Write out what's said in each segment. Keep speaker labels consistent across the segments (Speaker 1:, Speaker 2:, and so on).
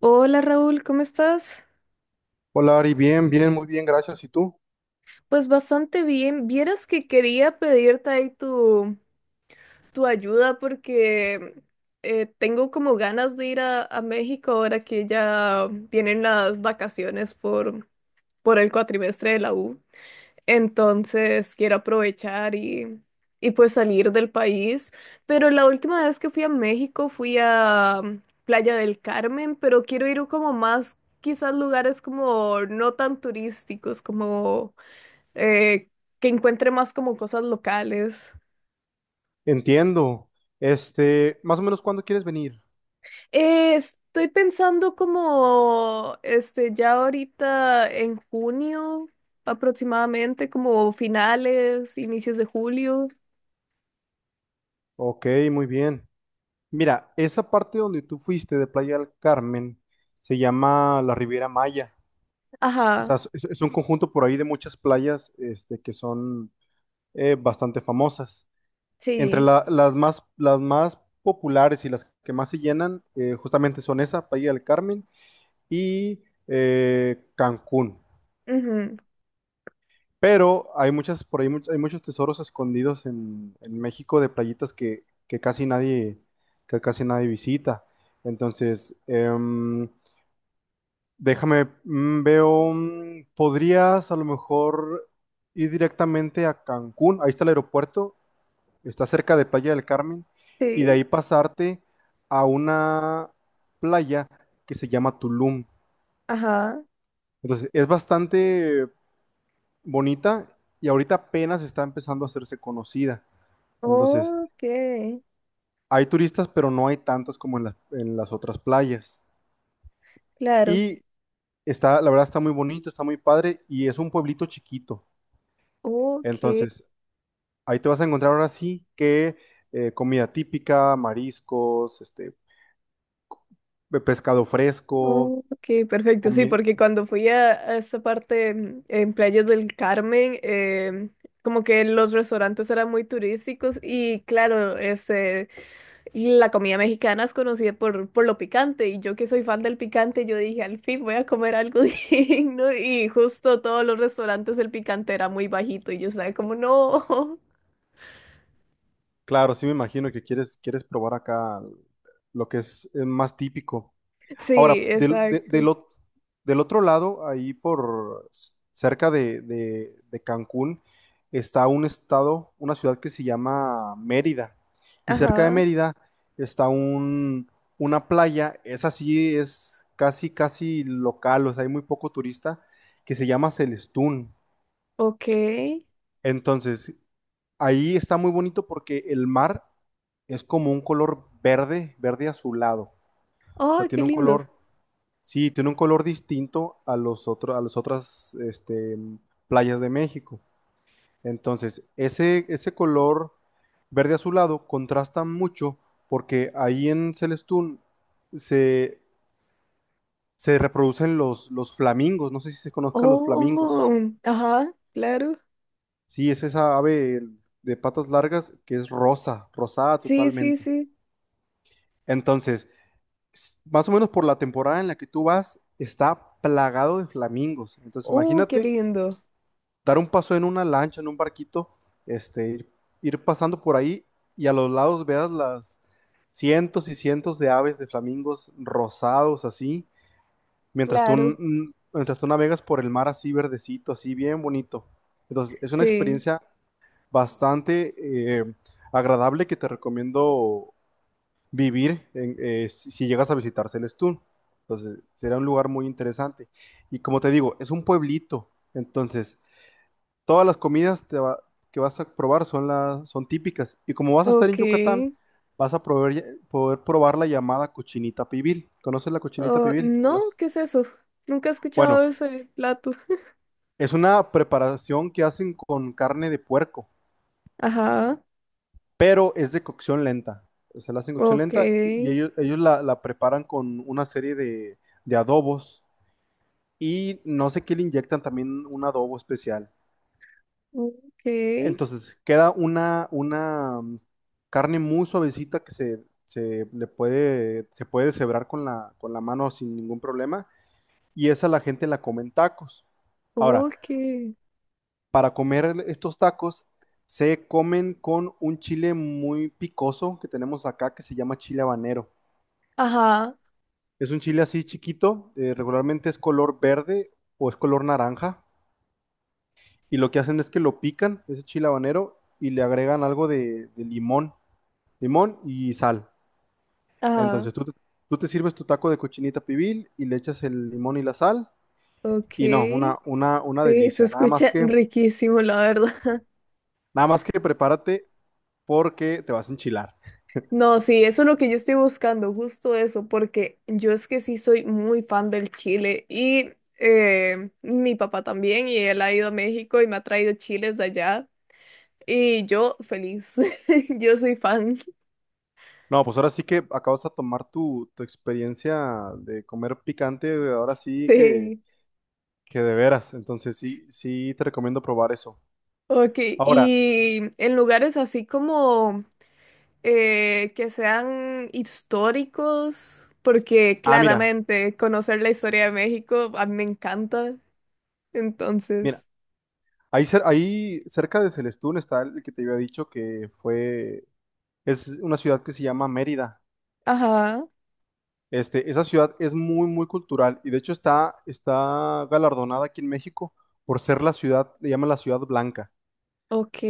Speaker 1: Hola Raúl, ¿cómo estás?
Speaker 2: Hola Ari, bien, bien, muy bien, gracias. ¿Y tú?
Speaker 1: Pues bastante bien. Vieras que quería pedirte ahí tu ayuda porque tengo como ganas de ir a México ahora que ya vienen las vacaciones por el cuatrimestre de la U. Entonces quiero aprovechar y pues salir del país. Pero la última vez que fui a México fui a Playa del Carmen, pero quiero ir como más, quizás lugares como no tan turísticos, como eh, que encuentre más como cosas locales.
Speaker 2: Entiendo. Este, más o menos, ¿cuándo quieres venir?
Speaker 1: Estoy pensando como, este, ya ahorita en junio aproximadamente, como finales, inicios de julio.
Speaker 2: Ok, muy bien. Mira, esa parte donde tú fuiste de Playa del Carmen se llama la Riviera Maya. O
Speaker 1: Ajá,
Speaker 2: sea, es un conjunto por ahí de muchas playas, este, que son bastante famosas. Entre
Speaker 1: sí.
Speaker 2: las más populares y las que más se llenan, justamente son esa, Playa del Carmen y Cancún.
Speaker 1: Ujú,
Speaker 2: Pero hay muchas, por ahí hay muchos tesoros escondidos en México de playitas que casi nadie visita. Entonces, déjame, veo, podrías a lo mejor ir directamente a Cancún. Ahí está el aeropuerto, está cerca de Playa del Carmen, y de
Speaker 1: sí,
Speaker 2: ahí pasarte a una playa que se llama Tulum.
Speaker 1: ajá.
Speaker 2: Entonces, es bastante bonita y ahorita apenas está empezando a hacerse conocida. Entonces,
Speaker 1: Ok,
Speaker 2: hay turistas, pero no hay tantos como en las otras playas.
Speaker 1: claro.
Speaker 2: Y está, la verdad, está muy bonito, está muy padre y es un pueblito chiquito.
Speaker 1: Ok,
Speaker 2: Entonces, ahí te vas a encontrar ahora sí que comida típica, mariscos, este, pescado fresco,
Speaker 1: ok, perfecto. Sí,
Speaker 2: comi-
Speaker 1: porque cuando fui a esa parte en Playas del Carmen, como que los restaurantes eran muy turísticos y claro, este, y la comida mexicana es conocida por lo picante y yo que soy fan del picante, yo dije, al fin voy a comer algo digno y justo todos los restaurantes el picante era muy bajito y yo estaba como, no.
Speaker 2: claro, sí, me imagino que quieres probar acá lo que es más típico.
Speaker 1: Sí,
Speaker 2: Ahora, del, de- del
Speaker 1: exacto.
Speaker 2: ot- del otro lado, ahí por cerca de Cancún, está un estado, una ciudad que se llama Mérida. Y cerca de
Speaker 1: Ajá,
Speaker 2: Mérida está una playa, esa sí es casi, casi local, o sea, hay muy poco turista, que se llama Celestún.
Speaker 1: ok. ¡Ay,
Speaker 2: Entonces, ahí está muy bonito porque el mar es como un color verde, verde azulado. O sea,
Speaker 1: qué
Speaker 2: tiene un
Speaker 1: lindo!
Speaker 2: color. Sí, tiene un color distinto a los otros, a las otras, este, playas de México. Entonces, ese color verde azulado contrasta mucho porque ahí en Celestún se, se reproducen los flamingos. No sé si se conozcan los flamingos.
Speaker 1: Oh, ajá, claro.
Speaker 2: Sí, es esa ave de patas largas que es rosa, rosada
Speaker 1: Sí, sí,
Speaker 2: totalmente.
Speaker 1: sí.
Speaker 2: Entonces, más o menos por la temporada en la que tú vas, está plagado de flamingos. Entonces,
Speaker 1: ¡Oh, qué
Speaker 2: imagínate
Speaker 1: lindo!
Speaker 2: dar un paso en una lancha, en un barquito, este, ir pasando por ahí y a los lados veas las cientos y cientos de aves de flamingos rosados así, mientras tú,
Speaker 1: Claro,
Speaker 2: mientras tú navegas por el mar así verdecito, así bien bonito. Entonces, es una
Speaker 1: sí.
Speaker 2: experiencia bastante eh, agradable, que te recomiendo si, si llegas a visitar Celestún. Entonces, será un lugar muy interesante. Y como te digo, es un pueblito. Entonces, todas las comidas que vas a probar son, las son típicas. Y como vas a estar en
Speaker 1: Ok.
Speaker 2: Yucatán, vas a poder probar la llamada cochinita pibil. ¿Conoces la cochinita
Speaker 1: Oh,
Speaker 2: pibil? O
Speaker 1: no, ¿qué es eso? Nunca he
Speaker 2: bueno,
Speaker 1: escuchado ese plato.
Speaker 2: es una preparación que hacen con carne de puerco,
Speaker 1: Ajá,
Speaker 2: pero es de cocción lenta. O sea, la hacen cocción
Speaker 1: ok.
Speaker 2: lenta y ellos, ellos la preparan con una serie de adobos y no sé qué, le inyectan también un adobo especial.
Speaker 1: Ok.
Speaker 2: Entonces queda una carne muy suavecita que se le puede, se puede deshebrar con la mano sin ningún problema. Y esa la gente la come en tacos. Ahora,
Speaker 1: Ok.
Speaker 2: para comer estos tacos, se comen con un chile muy picoso que tenemos acá que se llama chile habanero.
Speaker 1: Ajá,
Speaker 2: Es un chile así chiquito, regularmente es color verde o es color naranja. Y lo que hacen es que lo pican, ese chile habanero, y le agregan algo de limón, limón y sal.
Speaker 1: ajá,
Speaker 2: Entonces tú te sirves tu taco de cochinita pibil y le echas el limón y la sal.
Speaker 1: ok.
Speaker 2: Y no, una
Speaker 1: Sí, se
Speaker 2: delicia.
Speaker 1: escucha riquísimo, la verdad.
Speaker 2: Nada más que prepárate porque te vas a enchilar.
Speaker 1: No, sí, eso es lo que yo estoy buscando, justo eso, porque yo es que sí soy muy fan del chile y mi papá también, y él ha ido a México y me ha traído chiles de allá, y yo feliz, yo soy fan.
Speaker 2: No, pues ahora sí que acabas de tomar tu, tu experiencia de comer picante, ahora sí
Speaker 1: Sí.
Speaker 2: que de veras. Entonces sí, sí te recomiendo probar eso.
Speaker 1: Ok,
Speaker 2: Ahora,
Speaker 1: y en lugares así como que sean históricos, porque
Speaker 2: mira,
Speaker 1: claramente conocer la historia de México a mí me encanta,
Speaker 2: mira,
Speaker 1: entonces,
Speaker 2: ahí, ahí cerca de Celestún está el que te había dicho que fue, es una ciudad que se llama Mérida.
Speaker 1: ajá,
Speaker 2: Este, esa ciudad es muy, muy cultural y de hecho está, está galardonada aquí en México por ser la ciudad, le llaman la ciudad blanca.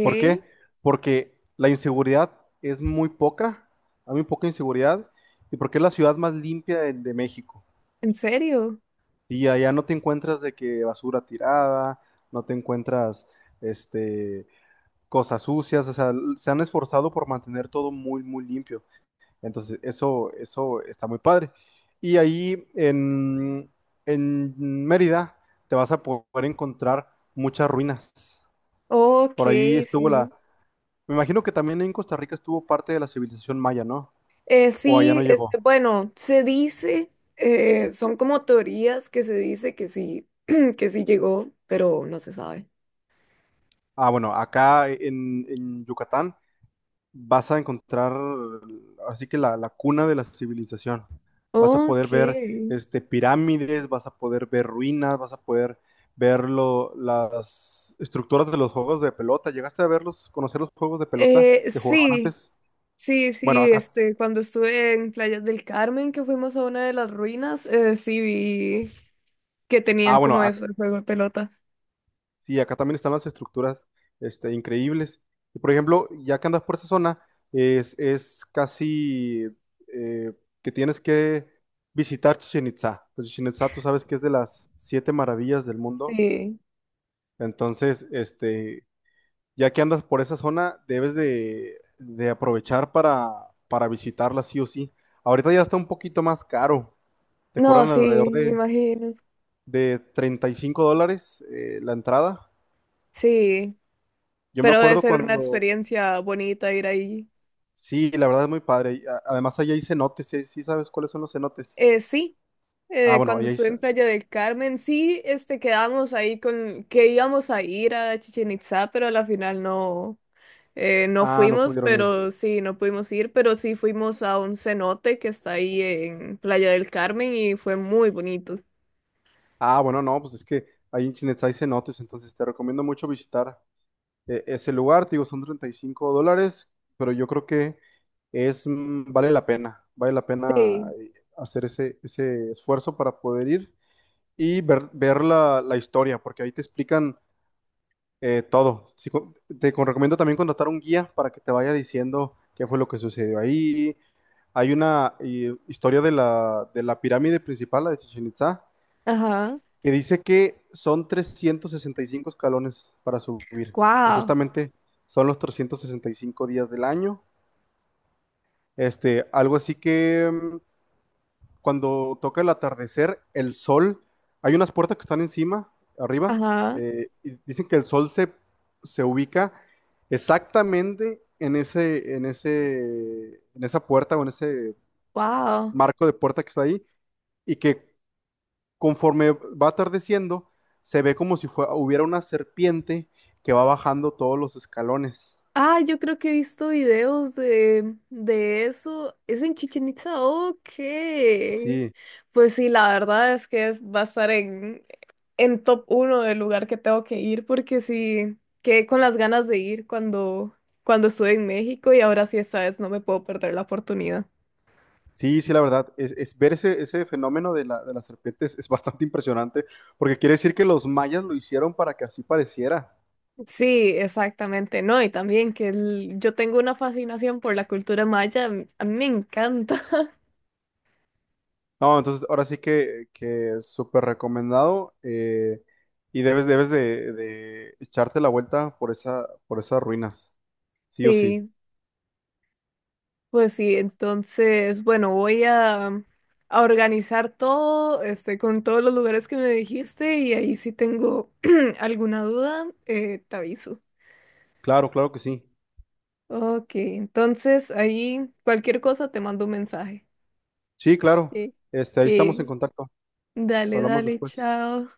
Speaker 2: ¿Por qué? Porque la inseguridad es muy poca, hay muy poca inseguridad y porque es la ciudad más limpia de México.
Speaker 1: ¿En serio?
Speaker 2: Y allá no te encuentras de que basura tirada, no te encuentras, este, cosas sucias, o sea, se han esforzado por mantener todo muy, muy limpio. Entonces, eso está muy padre. Y ahí en Mérida te vas a poder encontrar muchas ruinas.
Speaker 1: Ok,
Speaker 2: Por ahí estuvo la...
Speaker 1: sí.
Speaker 2: Me imagino que también en Costa Rica estuvo parte de la civilización maya, ¿no? O allá no
Speaker 1: Sí,
Speaker 2: llegó.
Speaker 1: este, bueno, se dice, son como teorías que se dice que sí, que sí llegó, pero no se sabe.
Speaker 2: Ah, bueno, acá en Yucatán vas a encontrar así que la cuna de la civilización. Vas a poder
Speaker 1: Ok.
Speaker 2: ver, este, pirámides, vas a poder ver ruinas, vas a poder ver las estructuras de los juegos de pelota. ¿Llegaste a verlos, conocer los juegos de pelota que jugaban
Speaker 1: Sí,
Speaker 2: antes?
Speaker 1: sí,
Speaker 2: Bueno,
Speaker 1: sí,
Speaker 2: acá,
Speaker 1: este, cuando estuve en Playas del Carmen, que fuimos a una de las ruinas, sí vi que
Speaker 2: ah,
Speaker 1: tenían
Speaker 2: bueno,
Speaker 1: como eso, el juego de pelota.
Speaker 2: sí, acá también están las estructuras, este, increíbles. Y por ejemplo, ya que andas por esa zona, es casi eh, que tienes que visitar Chichen Itza. Pues Chichen Itza, tú sabes que es de las siete maravillas del mundo.
Speaker 1: Sí.
Speaker 2: Entonces, este, ya que andas por esa zona, debes de aprovechar para visitarla sí o sí. Ahorita ya está un poquito más caro. Te
Speaker 1: No,
Speaker 2: cobran
Speaker 1: sí,
Speaker 2: alrededor
Speaker 1: me imagino.
Speaker 2: de 35 dólares, la entrada.
Speaker 1: Sí,
Speaker 2: Yo me
Speaker 1: pero debe
Speaker 2: acuerdo
Speaker 1: ser una
Speaker 2: cuando,
Speaker 1: experiencia bonita ir ahí.
Speaker 2: sí, la verdad es muy padre. Además, allá hay cenotes, ¿sí, sí sabes cuáles son los cenotes?
Speaker 1: Sí.
Speaker 2: Ah,
Speaker 1: Eh,
Speaker 2: bueno,
Speaker 1: cuando
Speaker 2: ahí hay...
Speaker 1: estuve en Playa del Carmen, sí, este, quedamos ahí con que íbamos a ir a Chichen Itzá, pero a la final no, no
Speaker 2: ah, no
Speaker 1: fuimos,
Speaker 2: pudieron ir.
Speaker 1: pero sí, no pudimos ir, pero sí fuimos a un cenote que está ahí en Playa del Carmen y fue muy bonito.
Speaker 2: Ah, bueno, no, pues es que ahí en Chinetz hay cenotes, entonces te recomiendo mucho visitar, ese lugar. Te digo, son 35 dólares, pero yo creo que es, vale la pena, vale la pena,
Speaker 1: Sí.
Speaker 2: hacer ese esfuerzo para poder ir y ver, ver la, la historia, porque ahí te explican, todo. Sí, recomiendo también contratar un guía para que te vaya diciendo qué fue lo que sucedió ahí, hay una, historia de la pirámide principal, la de Chichen Itza,
Speaker 1: Ajá.
Speaker 2: que dice que son 365 escalones para subir, que
Speaker 1: Wow.
Speaker 2: justamente son los 365 días del año. Este, algo así que, cuando toca el atardecer, el sol, hay unas puertas que están encima, arriba,
Speaker 1: Ajá.
Speaker 2: y dicen que el sol se ubica exactamente en en esa puerta o en ese
Speaker 1: Wow.
Speaker 2: marco de puerta que está ahí, y que conforme va atardeciendo, se ve como si fue- hubiera una serpiente que va bajando todos los escalones.
Speaker 1: Ah, yo creo que he visto videos de eso. Es en Chichen Itza, ok.
Speaker 2: Sí,
Speaker 1: Pues sí, la verdad es que es, va a estar en top uno del lugar que tengo que ir porque sí, quedé con las ganas de ir cuando estuve en México y ahora sí esta vez no me puedo perder la oportunidad.
Speaker 2: sí, sí, la verdad, es ver ese fenómeno de la, de las serpientes es bastante impresionante, porque quiere decir que los mayas lo hicieron para que así pareciera.
Speaker 1: Sí, exactamente, no, y también que el- yo tengo una fascinación por la cultura maya, a mí me encanta.
Speaker 2: No, entonces ahora sí que súper recomendado, y debes, debes de echarte la vuelta por por esas ruinas, sí o sí.
Speaker 1: Sí. Pues sí, entonces, bueno, a organizar todo, este, con todos los lugares que me dijiste y ahí si tengo alguna duda, te aviso.
Speaker 2: Claro, claro que sí.
Speaker 1: Ok, entonces ahí cualquier cosa te mando un mensaje.
Speaker 2: Sí, claro.
Speaker 1: Que,
Speaker 2: Este, ahí estamos en
Speaker 1: que,
Speaker 2: contacto.
Speaker 1: dale,
Speaker 2: Hablamos
Speaker 1: dale,
Speaker 2: después.
Speaker 1: chao.